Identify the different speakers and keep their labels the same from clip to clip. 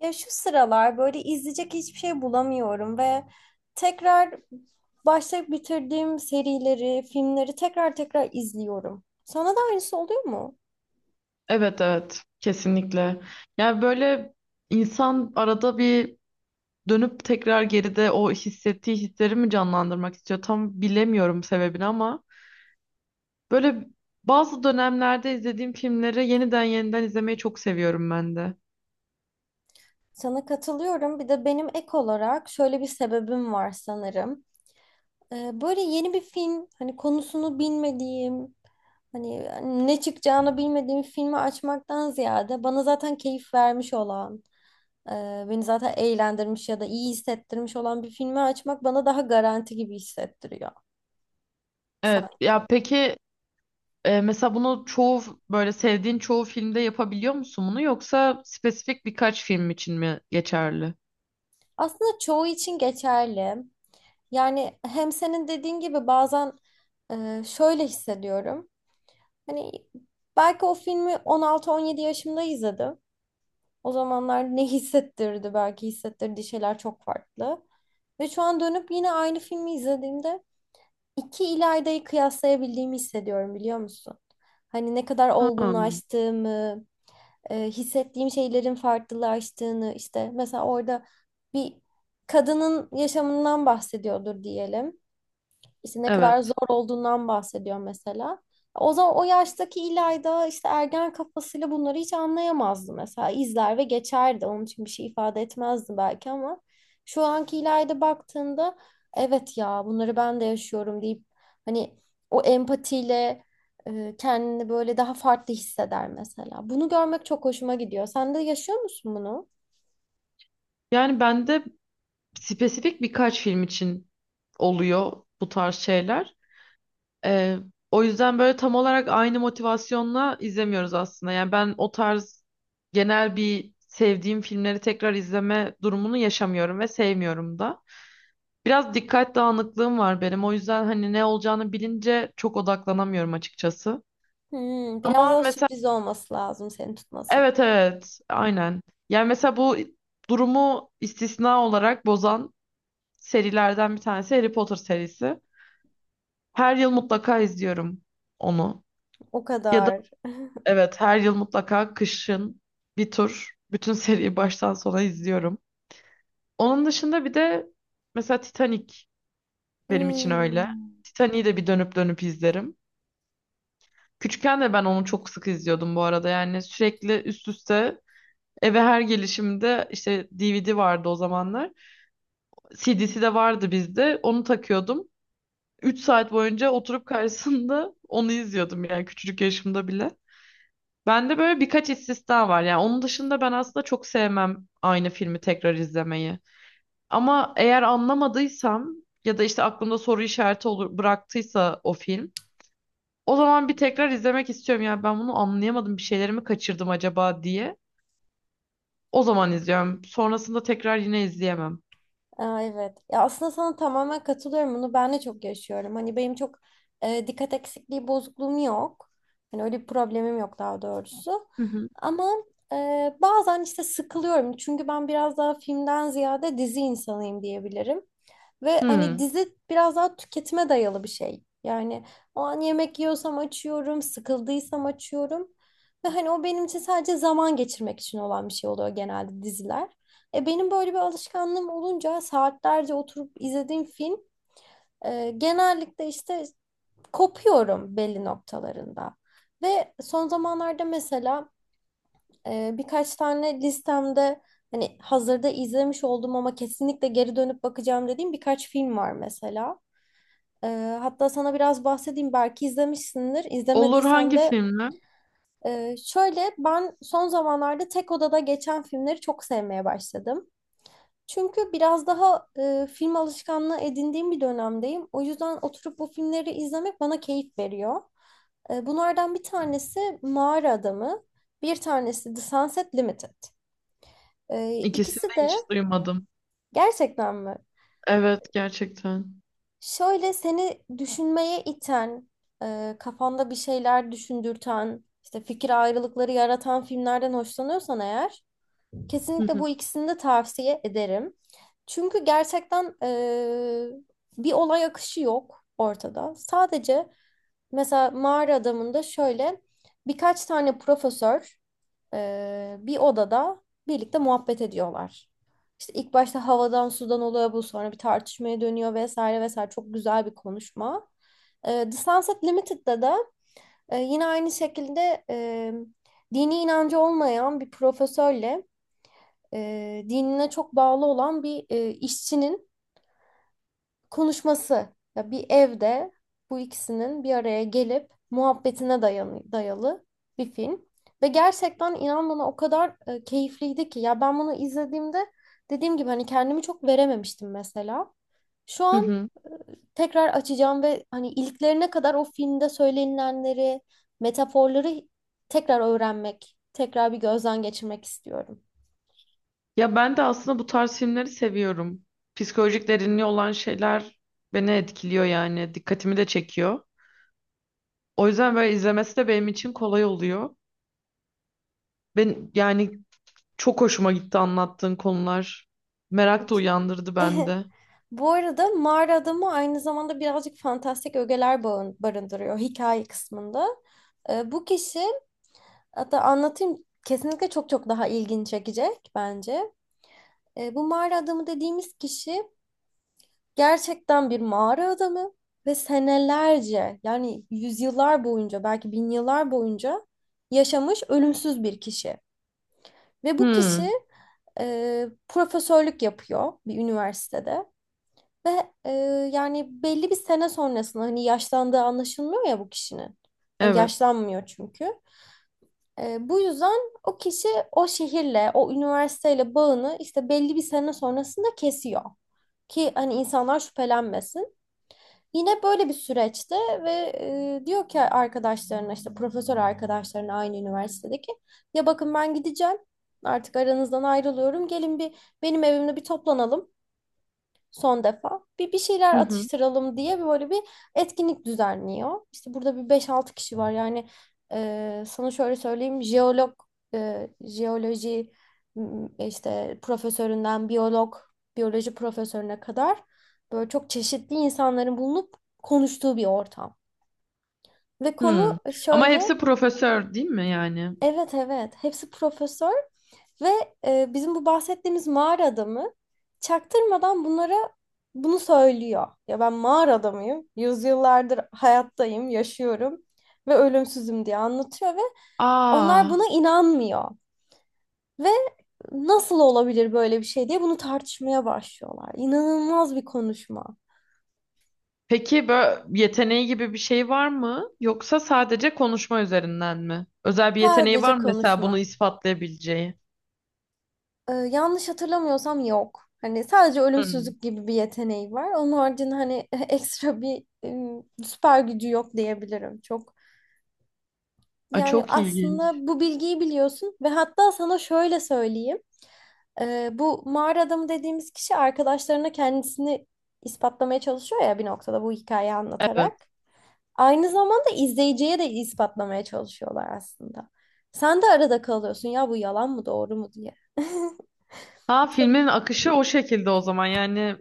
Speaker 1: Ya şu sıralar böyle izleyecek hiçbir şey bulamıyorum ve tekrar başlayıp bitirdiğim serileri, filmleri tekrar tekrar izliyorum. Sana da aynısı oluyor mu?
Speaker 2: Evet evet, kesinlikle. Yani böyle insan arada bir dönüp tekrar geride o hissettiği hisleri mi canlandırmak istiyor? Tam bilemiyorum sebebini ama böyle bazı dönemlerde izlediğim filmleri yeniden yeniden izlemeyi çok seviyorum ben de.
Speaker 1: Sana katılıyorum. Bir de benim ek olarak şöyle bir sebebim var sanırım. Böyle yeni bir film, hani konusunu bilmediğim, hani ne çıkacağını bilmediğim filmi açmaktan ziyade bana zaten keyif vermiş olan beni zaten eğlendirmiş ya da iyi hissettirmiş olan bir filmi açmak bana daha garanti gibi hissettiriyor
Speaker 2: Evet ya
Speaker 1: sanki.
Speaker 2: peki. Mesela bunu çoğu böyle sevdiğin çoğu filmde yapabiliyor musun bunu, yoksa spesifik birkaç film için mi geçerli?
Speaker 1: Aslında çoğu için geçerli. Yani hem senin dediğin gibi bazen şöyle hissediyorum. Hani belki o filmi 16-17 yaşımda izledim. O zamanlar ne hissettirdi? Belki hissettirdiği şeyler çok farklı. Ve şu an dönüp yine aynı filmi izlediğimde iki İlayda'yı kıyaslayabildiğimi hissediyorum, biliyor musun? Hani ne kadar
Speaker 2: Ha,
Speaker 1: olgunlaştığımı, hissettiğim şeylerin farklılaştığını, işte mesela orada bir kadının yaşamından bahsediyordur diyelim. İşte ne kadar
Speaker 2: evet.
Speaker 1: zor olduğundan bahsediyor mesela. O zaman o yaştaki İlayda işte ergen kafasıyla bunları hiç anlayamazdı mesela. İzler ve geçerdi. Onun için bir şey ifade etmezdi belki, ama şu anki İlayda baktığında evet ya bunları ben de yaşıyorum deyip hani o empatiyle kendini böyle daha farklı hisseder mesela. Bunu görmek çok hoşuma gidiyor. Sen de yaşıyor musun bunu?
Speaker 2: Yani bende spesifik birkaç film için oluyor bu tarz şeyler. Ee, O yüzden böyle tam olarak aynı motivasyonla izlemiyoruz aslında. Yani ben o tarz genel bir sevdiğim filmleri tekrar izleme durumunu yaşamıyorum ve sevmiyorum da. Biraz dikkat dağınıklığım var benim. O yüzden hani ne olacağını bilince çok odaklanamıyorum açıkçası.
Speaker 1: Biraz
Speaker 2: Ama
Speaker 1: daha
Speaker 2: mesela
Speaker 1: sürpriz olması lazım seni tutması
Speaker 2: evet
Speaker 1: için.
Speaker 2: evet, aynen. Yani mesela bu durumu istisna olarak bozan serilerden bir tanesi Harry Potter serisi. Her yıl mutlaka izliyorum onu.
Speaker 1: O
Speaker 2: Ya da
Speaker 1: kadar.
Speaker 2: evet, her yıl mutlaka kışın bir tur bütün seriyi baştan sona izliyorum. Onun dışında bir de mesela Titanic benim için öyle.
Speaker 1: Hmm.
Speaker 2: Titanic'i de bir dönüp dönüp izlerim. Küçükken de ben onu çok sık izliyordum bu arada. Yani sürekli üst üste eve her gelişimde işte DVD vardı o zamanlar. CD'si de vardı bizde. Onu takıyordum. Üç saat boyunca oturup karşısında onu izliyordum yani küçücük yaşımda bile. Bende böyle birkaç istisna var. Yani onun dışında ben aslında çok sevmem aynı filmi tekrar izlemeyi. Ama eğer anlamadıysam ya da işte aklımda soru işareti olur, bıraktıysa o film, o zaman bir tekrar izlemek istiyorum. Yani ben bunu anlayamadım. Bir şeylerimi kaçırdım acaba diye. O zaman izliyorum. Sonrasında tekrar yine izleyemem.
Speaker 1: Aa, evet. Ya aslında sana tamamen katılıyorum. Bunu ben de çok yaşıyorum. Hani benim çok dikkat eksikliği bozukluğum yok. Hani öyle bir problemim yok, daha doğrusu.
Speaker 2: Hı hı.
Speaker 1: Ama bazen işte sıkılıyorum. Çünkü ben biraz daha filmden ziyade dizi insanıyım diyebilirim. Ve hani
Speaker 2: Hmm.
Speaker 1: dizi biraz daha tüketime dayalı bir şey. Yani o an yemek yiyorsam açıyorum, sıkıldıysam açıyorum. Ve hani o benim için sadece zaman geçirmek için olan bir şey oluyor, genelde diziler. E benim böyle bir alışkanlığım olunca saatlerce oturup izlediğim film genellikle işte kopuyorum belli noktalarında. Ve son zamanlarda mesela birkaç tane listemde hani hazırda izlemiş olduğum ama kesinlikle geri dönüp bakacağım dediğim birkaç film var mesela. Hatta sana biraz bahsedeyim, belki izlemişsindir.
Speaker 2: Olur,
Speaker 1: İzlemediysen
Speaker 2: hangi
Speaker 1: de
Speaker 2: filmle?
Speaker 1: şöyle, ben son zamanlarda tek odada geçen filmleri çok sevmeye başladım. Çünkü biraz daha film alışkanlığı edindiğim bir dönemdeyim. O yüzden oturup bu filmleri izlemek bana keyif veriyor. Bunlardan bir tanesi Mağara Adamı, bir tanesi The Sunset Limited.
Speaker 2: İkisini
Speaker 1: İkisi
Speaker 2: de
Speaker 1: de
Speaker 2: hiç duymadım.
Speaker 1: gerçekten mi?
Speaker 2: Evet, gerçekten.
Speaker 1: Şöyle, seni düşünmeye iten, kafanda bir şeyler düşündürten, işte fikir ayrılıkları yaratan filmlerden hoşlanıyorsan eğer,
Speaker 2: Hı
Speaker 1: kesinlikle
Speaker 2: hı.
Speaker 1: bu ikisini de tavsiye ederim. Çünkü gerçekten bir olay akışı yok ortada. Sadece mesela Mağara Adamı'nda şöyle birkaç tane profesör bir odada birlikte muhabbet ediyorlar. İşte ilk başta havadan sudan oluyor bu, sonra bir tartışmaya dönüyor vesaire vesaire, çok güzel bir konuşma. The Sunset Limited'da da yine aynı şekilde dini inancı olmayan bir profesörle dinine çok bağlı olan bir işçinin konuşması. Ya bir evde bu ikisinin bir araya gelip muhabbetine dayalı bir film. Ve gerçekten inan bana o kadar keyifliydi ki. Ya ben bunu izlediğimde dediğim gibi hani kendimi çok verememiştim mesela. Şu
Speaker 2: Hı
Speaker 1: an
Speaker 2: hı.
Speaker 1: tekrar açacağım ve hani iliklerine kadar o filmde söylenilenleri, metaforları tekrar öğrenmek, tekrar bir gözden geçirmek istiyorum.
Speaker 2: Ya ben de aslında bu tarz filmleri seviyorum. Psikolojik derinliği olan şeyler beni etkiliyor yani. Dikkatimi de çekiyor. O yüzden böyle izlemesi de benim için kolay oluyor. Ben yani çok hoşuma gitti anlattığın konular. Merak da uyandırdı bende.
Speaker 1: Bu arada Mağara Adamı aynı zamanda birazcık fantastik ögeler barındırıyor hikaye kısmında. Bu kişi hatta anlatayım, kesinlikle çok çok daha ilgini çekecek bence. Bu mağara adamı dediğimiz kişi gerçekten bir mağara adamı ve senelerce, yani yüzyıllar boyunca, belki bin yıllar boyunca yaşamış ölümsüz bir kişi. Ve bu kişi
Speaker 2: Hmm,
Speaker 1: profesörlük yapıyor bir üniversitede. Ve yani belli bir sene sonrasında hani yaşlandığı anlaşılmıyor ya bu kişinin. Yani
Speaker 2: evet.
Speaker 1: yaşlanmıyor çünkü. Bu yüzden o kişi o şehirle, o üniversiteyle bağını işte belli bir sene sonrasında kesiyor. Ki hani insanlar şüphelenmesin. Yine böyle bir süreçte ve diyor ki arkadaşlarına, işte profesör arkadaşlarına aynı üniversitedeki, ya bakın ben gideceğim, artık aranızdan ayrılıyorum, gelin bir benim evimde bir toplanalım son defa. Bir şeyler
Speaker 2: Hı hı.
Speaker 1: atıştıralım diye böyle bir etkinlik düzenliyor. İşte burada bir beş altı kişi var. Yani sana şöyle söyleyeyim. Jeolog, jeoloji m, işte profesöründen biyolog, biyoloji profesörüne kadar böyle çok çeşitli insanların bulunup konuştuğu bir ortam. Ve konu
Speaker 2: Hmm. Ama
Speaker 1: şöyle.
Speaker 2: hepsi profesör değil mi yani?
Speaker 1: Evet evet, hepsi profesör ve bizim bu bahsettiğimiz mağara adamı çaktırmadan bunlara bunu söylüyor. Ya ben mağara adamıyım, yüzyıllardır hayattayım, yaşıyorum ve ölümsüzüm diye anlatıyor ve onlar
Speaker 2: Aa,
Speaker 1: buna inanmıyor. Ve nasıl olabilir böyle bir şey diye bunu tartışmaya başlıyorlar. İnanılmaz bir konuşma.
Speaker 2: peki böyle yeteneği gibi bir şey var mı? Yoksa sadece konuşma üzerinden mi? Özel bir yeteneği var
Speaker 1: Sadece
Speaker 2: mı mesela, bunu
Speaker 1: konuşma.
Speaker 2: ispatlayabileceği?
Speaker 1: Yanlış hatırlamıyorsam yok. Hani sadece
Speaker 2: Hmm.
Speaker 1: ölümsüzlük gibi bir yeteneği var. Onun haricinde hani ekstra bir süper gücü yok diyebilirim.
Speaker 2: Aa,
Speaker 1: Yani
Speaker 2: çok ilginç.
Speaker 1: aslında bu bilgiyi biliyorsun ve hatta sana şöyle söyleyeyim. Bu mağara adamı dediğimiz kişi arkadaşlarına kendisini ispatlamaya çalışıyor ya bir noktada bu hikayeyi
Speaker 2: Evet.
Speaker 1: anlatarak. Aynı zamanda izleyiciye de ispatlamaya çalışıyorlar aslında. Sen de arada kalıyorsun ya, bu yalan mı doğru mu diye.
Speaker 2: Ha,
Speaker 1: Mesela
Speaker 2: filmin akışı o şekilde o zaman yani,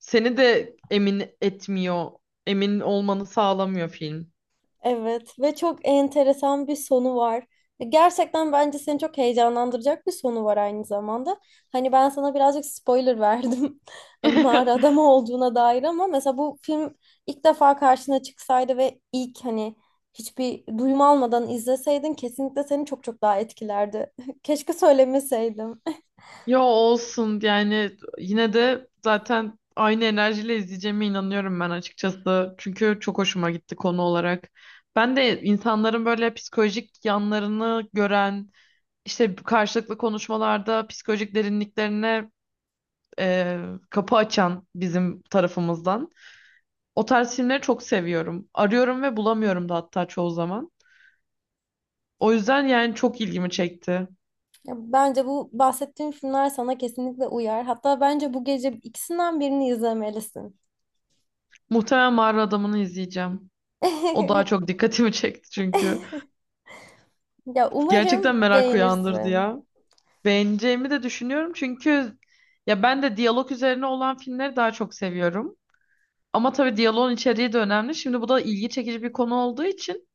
Speaker 2: seni de emin etmiyor. Emin olmanı sağlamıyor film.
Speaker 1: Evet, ve çok enteresan bir sonu var. Gerçekten bence seni çok heyecanlandıracak bir sonu var aynı zamanda. Hani ben sana birazcık spoiler verdim. Hani mağara adamı olduğuna dair, ama mesela bu film ilk defa karşına çıksaydı ve ilk, hani hiçbir duyum almadan izleseydin, kesinlikle seni çok çok daha etkilerdi. Keşke söylemeseydim.
Speaker 2: Yo, olsun yani, yine de zaten aynı enerjiyle izleyeceğime inanıyorum ben açıkçası. Çünkü çok hoşuma gitti konu olarak. Ben de insanların böyle psikolojik yanlarını gören, işte karşılıklı konuşmalarda psikolojik derinliklerine e, kapı açan bizim tarafımızdan. O tarz filmleri çok seviyorum. Arıyorum ve bulamıyorum da hatta çoğu zaman. O yüzden yani çok ilgimi çekti.
Speaker 1: Ya bence bu bahsettiğim filmler sana kesinlikle uyar. Hatta bence bu gece ikisinden birini izlemelisin.
Speaker 2: Muhtemelen Mağara Adamı'nı izleyeceğim. O daha çok dikkatimi çekti çünkü.
Speaker 1: Ya
Speaker 2: Gerçekten
Speaker 1: umarım
Speaker 2: merak uyandırdı
Speaker 1: beğenirsin.
Speaker 2: ya. Beğeneceğimi de düşünüyorum çünkü ya, ben de diyalog üzerine olan filmleri daha çok seviyorum. Ama tabii diyaloğun içeriği de önemli. Şimdi bu da ilgi çekici bir konu olduğu için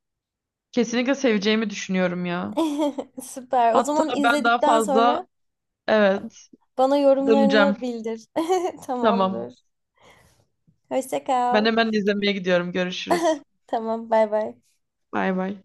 Speaker 2: kesinlikle seveceğimi düşünüyorum ya.
Speaker 1: Süper. O
Speaker 2: Hatta
Speaker 1: zaman
Speaker 2: ben daha
Speaker 1: izledikten sonra
Speaker 2: fazla, evet,
Speaker 1: bana
Speaker 2: döneceğim.
Speaker 1: yorumlarını bildir.
Speaker 2: Tamam.
Speaker 1: Tamamdır. Hoşça
Speaker 2: Ben
Speaker 1: kal.
Speaker 2: hemen izlemeye gidiyorum. Görüşürüz.
Speaker 1: Tamam, bay bay.
Speaker 2: Bay bay.